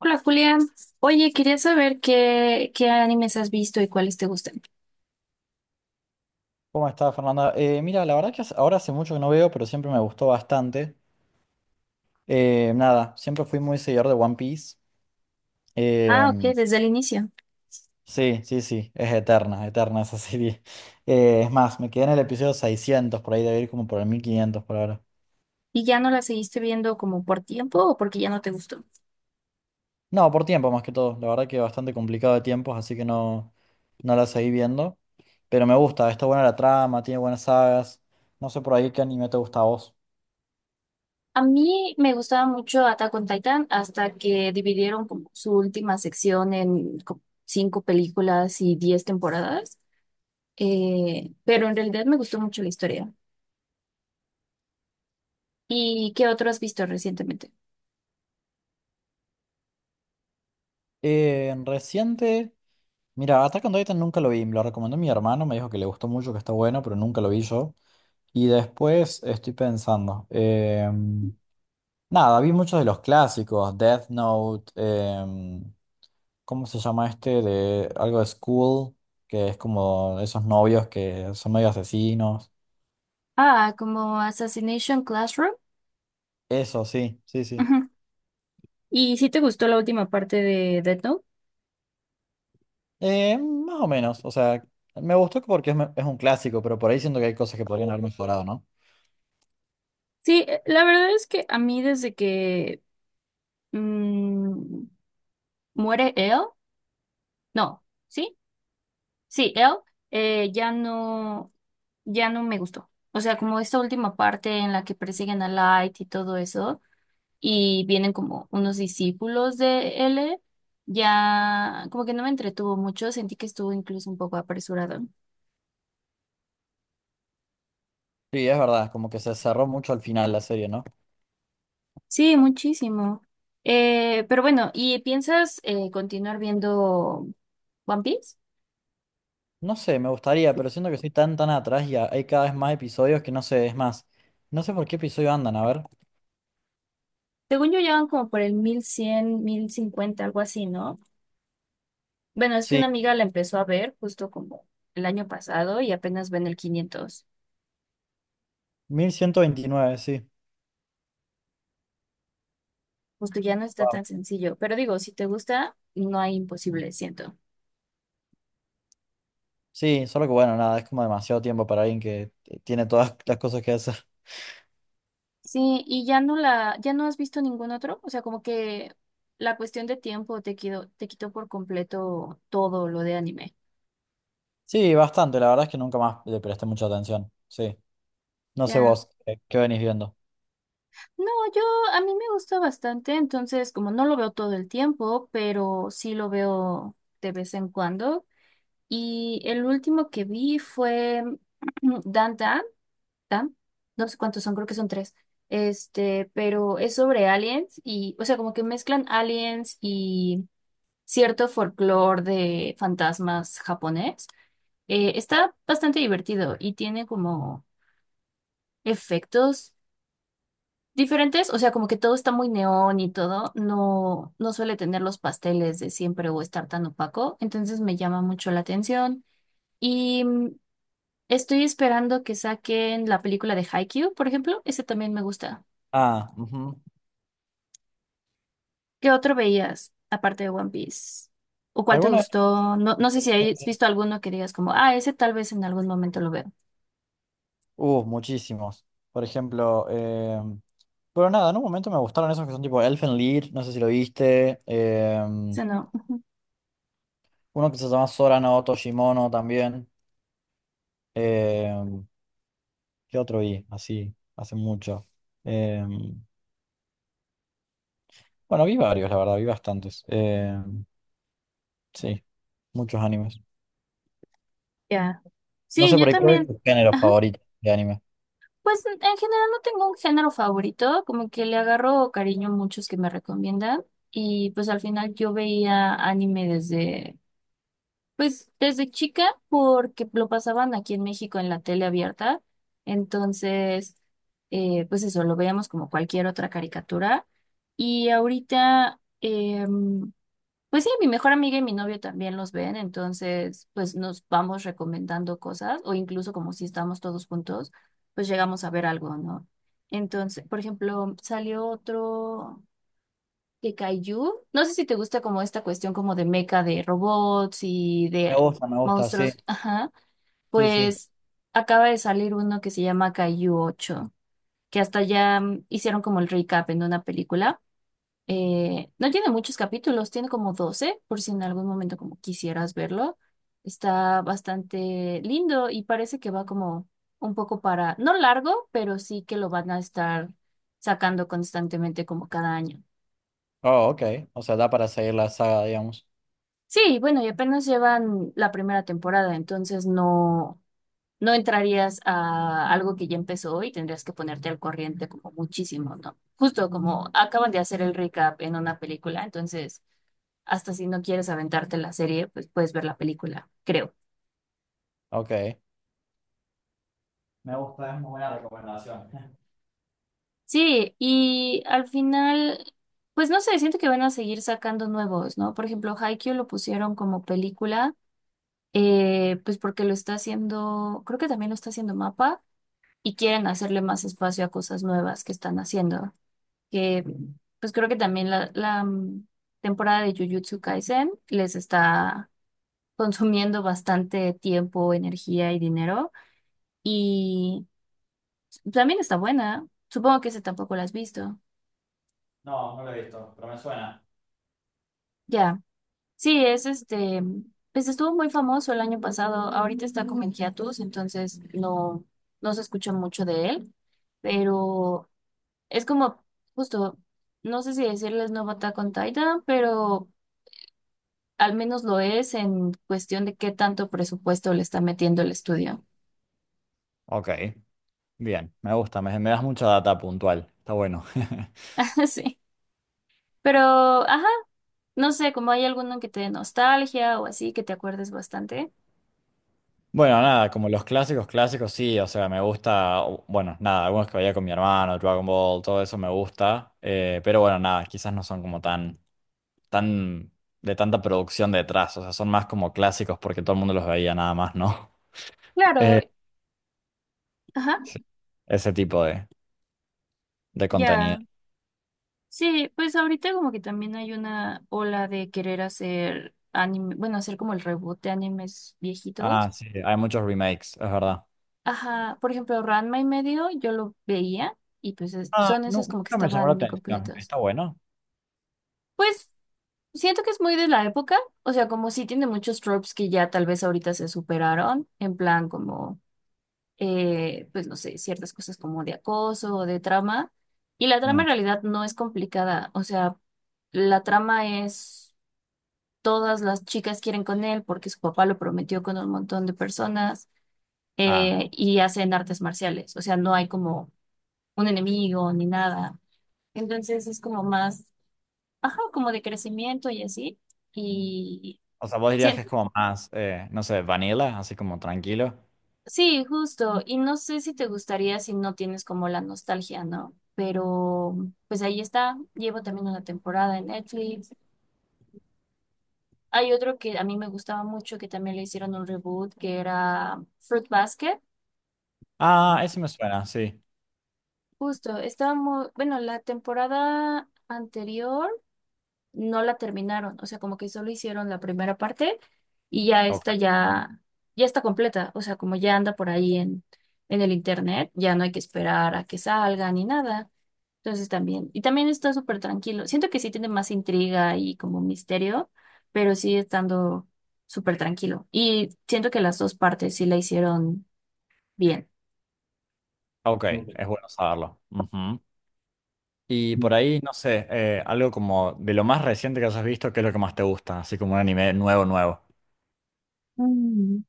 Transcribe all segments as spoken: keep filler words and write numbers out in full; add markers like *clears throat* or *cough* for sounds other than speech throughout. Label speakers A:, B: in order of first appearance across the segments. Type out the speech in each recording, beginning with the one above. A: Hola Julián, oye, quería saber qué, qué animes has visto y cuáles te gustan.
B: ¿Cómo estás, Fernanda? Eh, mira, la verdad que hace- ahora hace mucho que no veo, pero siempre me gustó bastante. Eh, nada, siempre fui muy seguidor de One Piece.
A: Ah, ok,
B: Em,
A: desde el inicio.
B: sí, sí, sí, es eterna, eterna esa *laughs* serie. Eh, es más, me quedé en el episodio seiscientos, por ahí debe ir como por el mil quinientos por ahora.
A: ¿Y ya no la seguiste viendo como por tiempo o porque ya no te gustó?
B: No, por tiempo más que todo. La verdad que bastante complicado de tiempos, así que no, no la seguí viendo. Pero me gusta, está buena la trama, tiene buenas sagas. No sé por ahí qué anime te gusta a vos.
A: A mí me gustaba mucho Attack on Titan hasta que dividieron como su última sección en como cinco películas y diez temporadas. Eh, pero en realidad me gustó mucho la historia. ¿Y qué otro has visto recientemente?
B: Eh, reciente. Mira, Attack on Titan nunca lo vi, me lo recomendó mi hermano, me dijo que le gustó mucho, que está bueno, pero nunca lo vi yo. Y después estoy pensando, em, nada, vi muchos de los clásicos, Death Note, em, ¿cómo se llama este? De algo de School, que es como esos novios que son medio asesinos.
A: Ah, como Assassination Classroom.
B: Eso, sí, sí, sí.
A: Ujú. ¿Y si te gustó la última parte de Death Note?
B: Eh, más o menos, o sea, me gustó porque es, me- es un clásico, pero por ahí siento que hay cosas que podrían haber mejorado, ¿no?
A: Sí, eh, la verdad es que a mí desde que mm, muere él, no, ¿sí? Sí, él eh, ya no, ya no me gustó. O sea, como esta última parte en la que persiguen a Light y todo eso, y vienen como unos discípulos de él, ya como que no me entretuvo mucho, sentí que estuvo incluso un poco apresurado.
B: Sí, es verdad, como que se cerró mucho al final la serie, ¿no?
A: Sí, muchísimo. Eh, pero bueno, ¿y piensas eh, continuar viendo One Piece?
B: No sé, me gustaría, pero siento que estoy tan tan atrás y hay cada vez más episodios que no sé, es más, no sé por qué episodio andan, a ver.
A: Según yo, llevan como por el mil cien mil cincuenta algo así, ¿no? Bueno, es que
B: Sí,
A: una amiga la empezó a ver justo como el año pasado y apenas ven el quinientos.
B: mil ciento veintinueve, sí.
A: Justo ya no está
B: Wow.
A: tan sencillo. Pero digo, si te gusta, no hay imposible, siento.
B: Sí, solo que bueno, nada, es como demasiado tiempo para alguien que t- tiene todas *laughs* las cosas que hacer.
A: Sí, y ya no la, ya no has visto ningún otro. O sea, como que la cuestión de tiempo te quitó, te quitó por completo todo lo de anime.
B: Sí, bastante, la verdad es que nunca más le presté mucha atención, sí. No sé
A: Ya.
B: vos, eh, ¿qué venís viendo?
A: No, yo, a mí me gusta bastante, entonces como no lo veo todo el tiempo, pero sí lo veo de vez en cuando. Y el último que vi fue *clears throat* Dan Dan, Dan, no sé cuántos son, creo que son tres. Este, pero es sobre aliens y, o sea, como que mezclan aliens y cierto folclore de fantasmas japonés. Eh, está bastante divertido y tiene como efectos diferentes, o sea, como que todo está muy neón y todo, no, no suele tener los pasteles de siempre o estar tan opaco, entonces me llama mucho la atención. Y Estoy esperando que saquen la película de Haikyuu, por ejemplo. Ese también me gusta.
B: Ah, ujú.
A: ¿Qué otro veías aparte de One Piece? ¿O cuál te
B: ¿Alguna
A: gustó? No, no sé si
B: vez?
A: has visto alguno que digas como, ah, ese tal vez en algún momento lo veo.
B: Uh, muchísimos. Por ejemplo, eh, pero nada, en un momento me gustaron esos que son tipo Elfen Lied, no sé si lo viste. Em,
A: Ese no.
B: uno que se llama Sora no Toshimono también. em, ¿Qué otro vi? Así, hace mucho. Em, bueno, vi varios, la verdad, vi bastantes. Em, sí, muchos animes.
A: Ya.
B: No
A: Sí,
B: sé
A: yo
B: por ahí cuál es
A: también.
B: tu género
A: Ajá.
B: favorito de anime.
A: Pues en en general no tengo un género favorito, como que le agarro cariño a muchos que me recomiendan. Y pues al final yo veía anime desde pues desde chica, porque lo pasaban aquí en México en la tele abierta, entonces, eh, pues eso, lo veíamos como cualquier otra caricatura. Y ahorita, em, pues sí, mi mejor amiga y mi novio también los ven, entonces, pues nos vamos recomendando cosas, o incluso como si estamos todos juntos, pues llegamos a ver algo, ¿no? Entonces, por ejemplo, salió otro de Kaiju. No sé si te gusta como esta cuestión como de meca de robots y
B: Me
A: de
B: gusta, me gusta, sí.
A: monstruos. Ajá.
B: Sí, sí.
A: Pues acaba de salir uno que se llama Kaiju ocho, que hasta ya mm, hicieron como el recap en una película. Eh, no tiene muchos capítulos, tiene como doce, por si en algún momento como quisieras verlo. Está bastante lindo y parece que va como un poco para, no largo, pero sí que lo van a estar sacando constantemente como cada año.
B: Oh, ok. O sea, da para seguir la saga, digamos.
A: Sí, bueno, y apenas llevan la primera temporada, entonces no, no entrarías a algo que ya empezó y tendrías que ponerte al corriente como muchísimo, ¿no? Justo como acaban de hacer el recap en una película, entonces hasta si no quieres aventarte la serie, pues puedes ver la película, creo.
B: Ok. Me gusta, es muy buena recomendación. *laughs*
A: Sí, y al final, pues no sé, siento que van a seguir sacando nuevos, ¿no? Por ejemplo, Haikyuu lo pusieron como película, eh, pues porque lo está haciendo, creo que también lo está haciendo MAPA. Y quieren hacerle más espacio a cosas nuevas que están haciendo. Que pues creo que también la, la, mm, temporada de Jujutsu Kaisen les está consumiendo bastante tiempo, energía y dinero. Y también está buena. Supongo que ese tampoco la has visto.
B: No, no lo he visto, pero me suena.
A: Ya. Sí, es este. Pues estuvo muy famoso el año pasado. Ahorita está como en hiatus, entonces no, no se escucha mucho de él. Pero es como, justo, no sé si decirles nuevo Attack on Titan, pero al menos lo es en cuestión de qué tanto presupuesto le está metiendo el estudio.
B: Ok, bien, me gusta, me, me das mucha data puntual, está bueno. *laughs*
A: *laughs* Sí. Pero, ajá, no sé, como hay alguno que te dé nostalgia o así, que te acuerdes bastante.
B: Bueno, nada, como los clásicos, clásicos sí, o sea, me gusta, o- bueno, nada, algunos que veía con mi hermano, Dragon Ball, todo eso me gusta, eh, pero bueno, nada, quizás no son como tan, tan, de tanta producción detrás, o sea, son más como clásicos porque todo el mundo los veía nada más, ¿no? *laughs*
A: Claro,
B: Eh,
A: ajá,
B: sí, ese tipo de, de contenido.
A: ya. Sí, pues ahorita como que también hay una ola de querer hacer anime, bueno, hacer como el reboot de animes
B: Ah,
A: viejitos.
B: sí, hay muchos remakes, es verdad.
A: Ajá, por ejemplo, Ranma y medio yo lo veía y pues es-
B: Ah,
A: son esos
B: no,
A: como que
B: nunca me llamó la
A: estaban
B: atención,
A: incompletos.
B: está bueno.
A: Pues siento que es muy de la época, o sea, como sí tiene muchos tropes que ya tal vez ahorita se superaron, en plan como, eh, pues no sé, ciertas cosas como de acoso o de trama. Y la trama
B: Mm.
A: en realidad no es complicada, o sea, la trama es todas las chicas quieren con él porque su papá lo prometió con un montón de personas
B: Ah,
A: eh, y hacen artes marciales, o sea, no hay como un enemigo ni nada. Entonces es como más, ajá, como de crecimiento y así. Y
B: o sea, vos dirías
A: sí,
B: que es como más, eh, no sé, vanilla, así como tranquilo.
A: sí, justo. Y no sé si te gustaría si no tienes como la nostalgia, ¿no? Pero pues ahí está. Llevo también una temporada en Netflix. Hay otro que a mí me gustaba mucho que también le hicieron un reboot que era Fruit Basket.
B: Ah, ese me suena, sí.
A: Justo, estaba muy, bueno, la temporada anterior no la terminaron, o sea, como que solo hicieron la primera parte y ya
B: Ok,
A: esta ya, ya está completa, o sea, como ya anda por ahí en, en el internet, ya no hay que esperar a que salga ni nada. Entonces también, y también está súper tranquilo. Siento que sí tiene más intriga y como misterio, pero sí estando súper tranquilo. Y siento que las dos partes sí la hicieron bien.
B: ok,
A: Ok.
B: es bueno saberlo. Ujú. Y por ahí, no sé, eh, algo como de lo más reciente que hayas visto, ¿qué es lo que más te gusta? Así como un anime nuevo, nuevo.
A: Mm.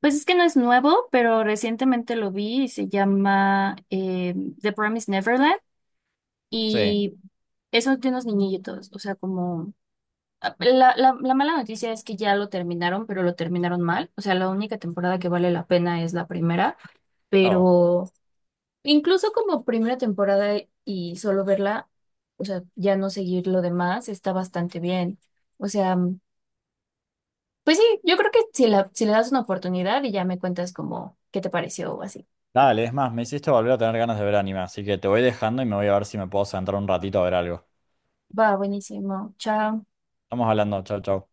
A: Pues es que no es nuevo, pero recientemente lo vi y se llama eh, The Promised Neverland,
B: Sí.
A: y eso de unos niñitos, o sea, como ah, la, la, la mala noticia es que ya lo terminaron, pero lo terminaron mal, o sea, la única temporada que vale la pena es la primera,
B: Oh,
A: pero incluso como primera temporada y solo verla, o sea, ya no seguir lo demás está bastante bien, o sea, pues sí, yo creo que si la, si le das una oportunidad y ya me cuentas como qué te pareció o así.
B: dale, es más, me hiciste volver a tener ganas de ver anime, así que te voy dejando y me voy a ver si me puedo sentar un ratito a ver algo.
A: Va, buenísimo. Chao.
B: Estamos hablando, chau, chau.